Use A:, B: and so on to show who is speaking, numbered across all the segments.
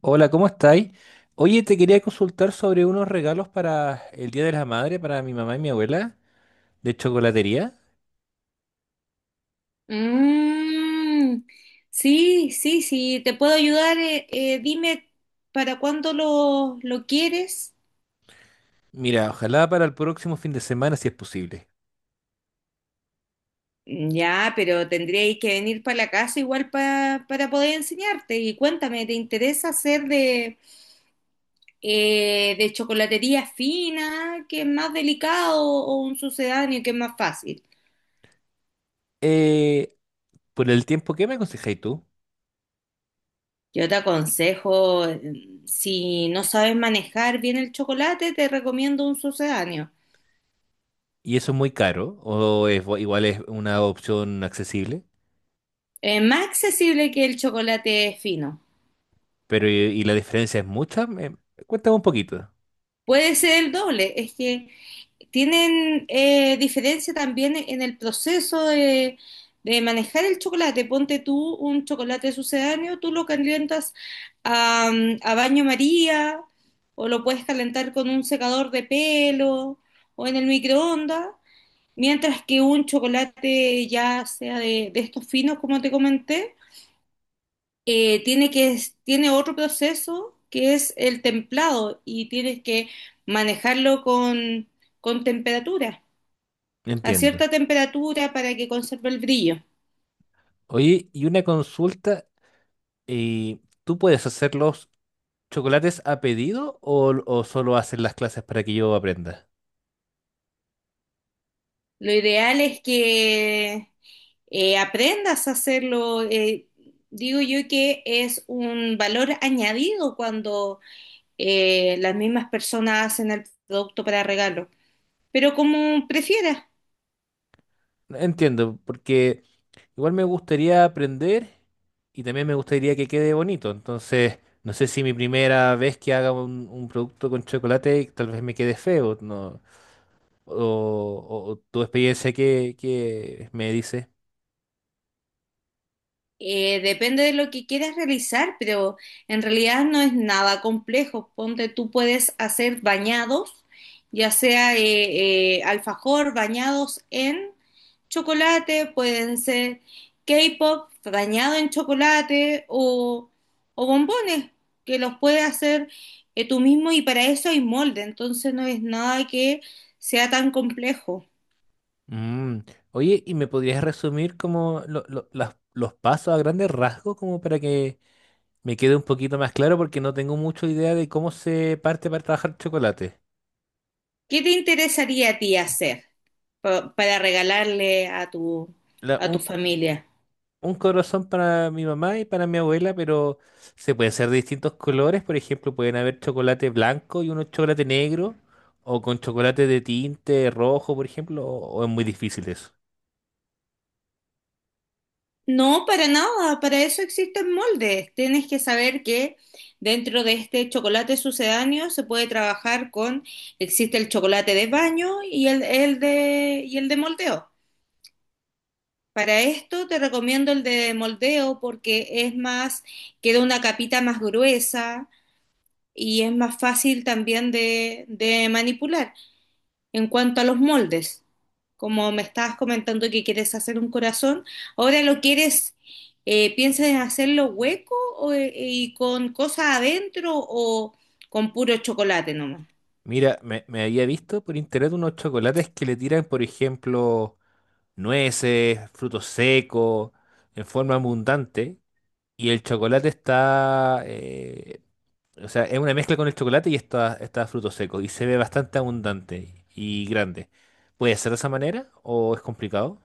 A: Hola, ¿cómo estáis? Oye, te quería consultar sobre unos regalos para el Día de la Madre, para mi mamá y mi abuela, de chocolatería.
B: Mm, sí, sí, sí, te puedo ayudar. Dime para cuándo lo quieres.
A: Mira, ojalá para el próximo fin de semana, si es posible.
B: Ya, pero tendríais que venir para la casa igual para poder enseñarte. Y cuéntame, ¿te interesa hacer de chocolatería fina, que es más delicado, o un sucedáneo, que es más fácil?
A: Eh, por el tiempo, ¿qué me aconsejáis tú?
B: Yo te aconsejo, si no sabes manejar bien el chocolate, te recomiendo un sucedáneo.
A: ¿Y eso es muy caro? ¿O es, igual es una opción accesible?
B: Más accesible que el chocolate fino.
A: Pero, ¿y la diferencia es mucha? Cuéntame un poquito.
B: Puede ser el doble, es que tienen diferencia también en el proceso de manejar el chocolate. Ponte tú un chocolate sucedáneo, tú lo calientas a, a baño María o lo puedes calentar con un secador de pelo o en el microondas, mientras que un chocolate ya sea de estos finos, como te comenté, eh, tiene que, tiene otro proceso que es el templado y tienes que manejarlo con temperatura, a
A: Entiendo.
B: cierta temperatura para que conserve el brillo.
A: Oye, y una consulta, eh, ¿tú puedes hacer los chocolates a pedido o solo haces las clases para que yo aprenda?
B: Lo ideal es que aprendas a hacerlo. Digo yo que es un valor añadido cuando las mismas personas hacen el producto para regalo, pero como prefieras.
A: Entiendo, porque igual me gustaría aprender y también me gustaría que quede bonito. Entonces, no sé si mi primera vez que haga un producto con chocolate tal vez me quede feo, ¿no? O, o tu experiencia que, me dice.
B: Depende de lo que quieras realizar, pero en realidad no es nada complejo. Ponte, tú puedes hacer bañados, ya sea alfajor, bañados en chocolate, pueden ser K-pop bañado en chocolate o bombones, que los puedes hacer tú mismo y para eso hay molde, entonces no es nada que sea tan complejo.
A: Mm. Oye, ¿y me podrías resumir como los pasos a grandes rasgos como para que me quede un poquito más claro? Porque no tengo mucha idea de cómo se parte para trabajar chocolate.
B: ¿Qué te interesaría a ti hacer para regalarle a
A: La-
B: a
A: un
B: tu familia?
A: un corazón para mi mamá y para mi abuela, pero se pueden hacer de distintos colores. Por ejemplo, pueden haber chocolate blanco y uno chocolate negro, o con chocolate de tinte rojo, por ejemplo, o es muy difícil eso.
B: No, para nada, para eso existen moldes. Tienes que saber que dentro de este chocolate sucedáneo se puede trabajar con, existe el chocolate de baño y y el de moldeo. Para esto te recomiendo el de moldeo porque es más, queda una capita más gruesa y es más fácil también de manipular. En cuanto a los moldes, como me estabas comentando que quieres hacer un corazón, ¿ahora lo quieres, piensas en hacerlo hueco o, y con cosas adentro o con puro chocolate nomás?
A: Mira, me había visto por internet unos chocolates que le tiran, por ejemplo, nueces, frutos secos, en forma abundante, y el chocolate está, o sea, es una mezcla con el chocolate y está fruto seco y se ve bastante abundante y grande. ¿Puede ser de esa manera o es complicado?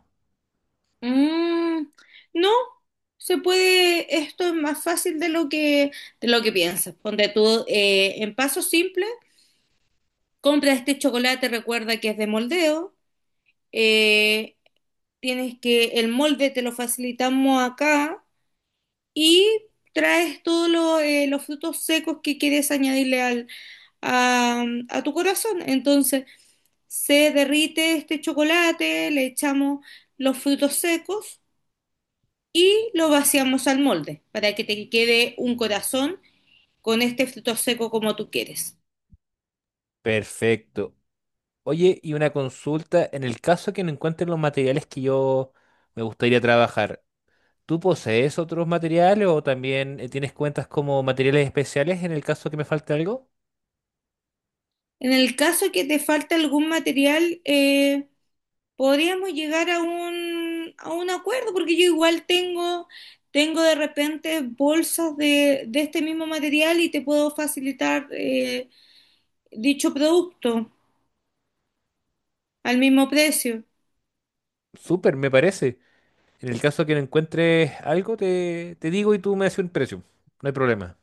B: Mm, no, se puede, esto es más fácil de lo de lo que piensas. Ponte tú en paso simple, compra este chocolate, recuerda que es de moldeo, eh, el molde te lo facilitamos acá y traes los frutos secos que quieres añadirle a tu corazón. Entonces, se derrite este chocolate, le echamos los frutos secos y lo vaciamos al molde para que te quede un corazón con este fruto seco como tú quieres.
A: Perfecto. Oye, y una consulta, en el caso que no encuentren los materiales que yo me gustaría trabajar, ¿tú posees otros materiales o también tienes cuentas como materiales especiales en el caso que me falte algo?
B: En el caso que te falte algún material, podríamos llegar a a un acuerdo, porque yo igual tengo, tengo de repente bolsas de este mismo material y te puedo facilitar dicho producto al mismo precio.
A: Súper, me parece. En el caso que no encuentres algo, te digo y tú me haces un precio. No hay problema.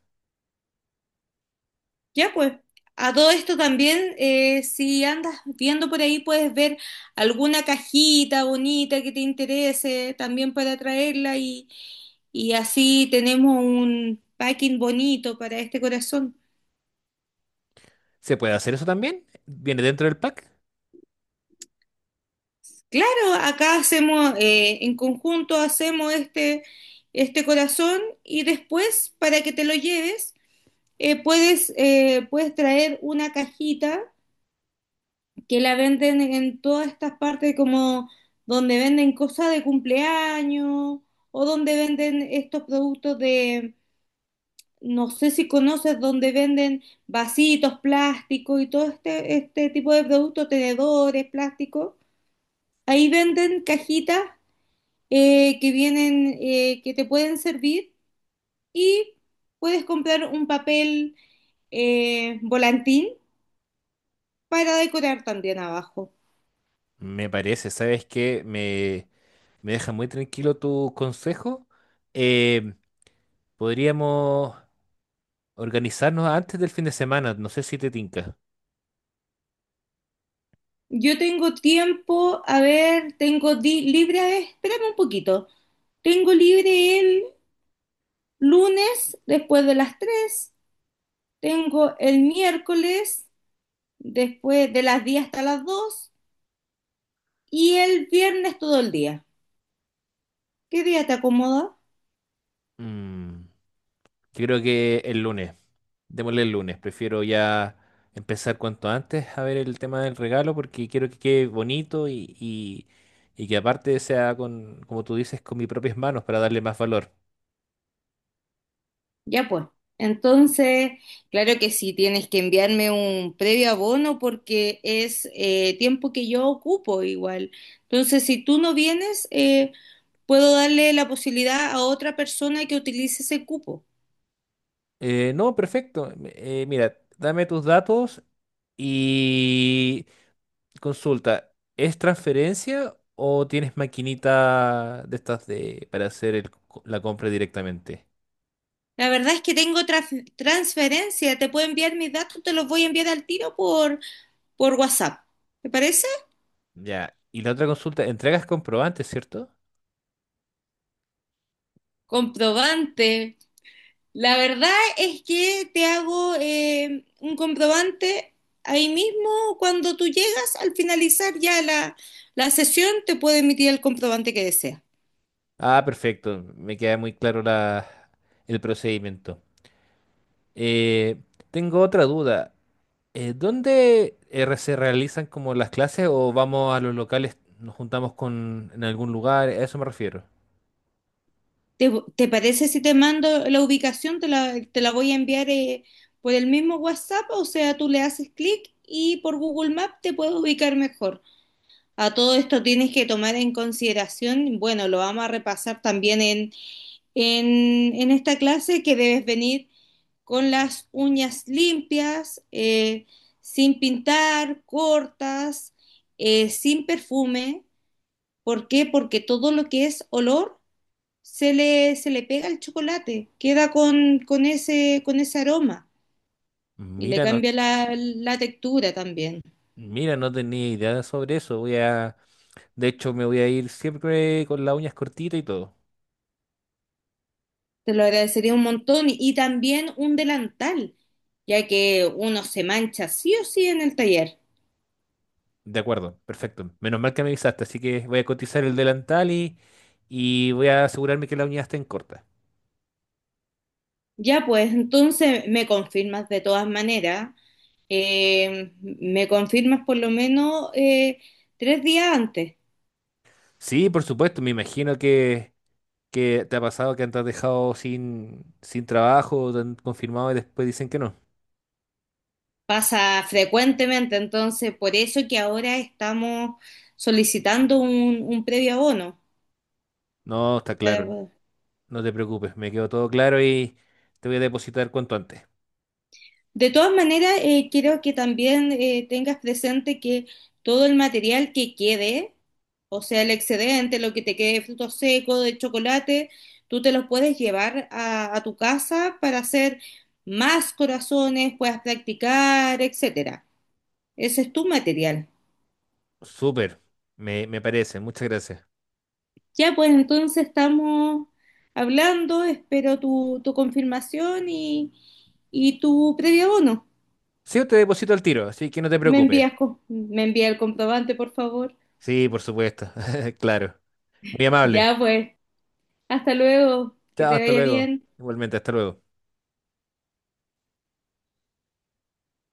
B: Ya pues, a todo esto también, si andas viendo por ahí, puedes ver alguna cajita bonita que te interese también para traerla y así tenemos un packing bonito para este corazón.
A: ¿Se puede hacer eso también? ¿Viene dentro del pack?
B: Claro, acá hacemos, en conjunto hacemos este corazón y después para que te lo lleves puedes traer una cajita que la venden en todas estas partes como donde venden cosas de cumpleaños o donde venden estos productos de, no sé si conoces, donde venden vasitos, plásticos y todo este tipo de productos, tenedores, plásticos. Ahí venden cajitas que te pueden servir y puedes comprar un papel volantín para decorar también abajo.
A: Me parece, ¿sabes qué? Me deja muy tranquilo tu consejo. Eh, Podríamos organizarnos antes del fin de semana, no sé si te tinca.
B: Yo tengo tiempo, a ver, tengo libre, a ver, espérame un poquito, tengo libre el lunes después de las 3, tengo el miércoles después de las 10 hasta las 2 y el viernes todo el día. ¿Qué día te acomoda?
A: Mm, yo creo que el lunes, démosle el lunes, prefiero ya empezar cuanto antes a ver el tema del regalo porque quiero que quede bonito y que aparte sea con, como tú dices, con mis propias manos para darle más valor.
B: Ya, pues. Entonces, claro que sí, tienes que enviarme un previo abono porque es tiempo que yo ocupo igual. Entonces, si tú no vienes, puedo darle la posibilidad a otra persona que utilice ese cupo.
A: No, perfecto. Mira, dame tus datos y consulta, ¿es transferencia o tienes maquinita de estas de para hacer el la compra directamente?
B: La verdad es que tengo transferencia, te puedo enviar mis datos, te los voy a enviar al tiro por WhatsApp. ¿Te parece?
A: Ya. Y la otra consulta, entregas comprobantes, ¿cierto?
B: Comprobante. La verdad es que te hago un comprobante ahí mismo cuando tú llegas, al finalizar ya la sesión, te puedo emitir el comprobante que deseas.
A: Ah, perfecto. Me queda muy claro la, el procedimiento. Eh, Tengo otra duda. ¿Dónde se realizan como las clases o vamos a los locales, nos juntamos con en algún lugar? A eso me refiero.
B: ¿Te, ¿Te parece si te mando la ubicación? Te la voy a enviar por el mismo WhatsApp, o sea, tú le haces clic y por Google Maps te puedes ubicar mejor. A todo esto tienes que tomar en consideración, bueno, lo vamos a repasar también en esta clase, que debes venir con las uñas limpias, sin pintar, cortas, sin perfume. ¿Por qué? Porque todo lo que es olor se le pega al chocolate, queda con ese aroma y le
A: Mira, no,
B: cambia la textura también.
A: mira, no tenía idea sobre eso. Voy a, de hecho, me voy a ir siempre con las uñas cortitas y todo.
B: Te lo agradecería un montón y también un delantal, ya que uno se mancha sí o sí en el taller.
A: De acuerdo, perfecto. Menos mal que me avisaste, así que voy a cotizar el delantal y voy a asegurarme que las uñas estén cortas.
B: Ya, pues entonces me confirmas de todas maneras, me confirmas por lo menos 3 días antes.
A: Sí, por supuesto, me imagino que te ha pasado que te has dejado sin trabajo, te han confirmado y después dicen que no.
B: Pasa frecuentemente, entonces por eso que ahora estamos solicitando un previo abono.
A: No, está claro, no te preocupes, me quedó todo claro y te voy a depositar cuanto antes.
B: De todas maneras, quiero que también tengas presente que todo el material que quede, o sea, el excedente, lo que te quede de frutos secos, de chocolate, tú te los puedes llevar a tu casa para hacer más corazones, puedas practicar, etcétera. Ese es tu material.
A: Súper, me parece, muchas gracias.
B: Ya, pues entonces estamos hablando, espero tu confirmación y tu previo abono.
A: Sí, yo te deposito al tiro, así que no te preocupes.
B: Me envía el comprobante, por favor.
A: Sí, por supuesto. Claro. Muy amable.
B: Ya, pues. Hasta luego, que
A: Chao,
B: te
A: hasta
B: vaya
A: luego.
B: bien.
A: Igualmente, hasta luego.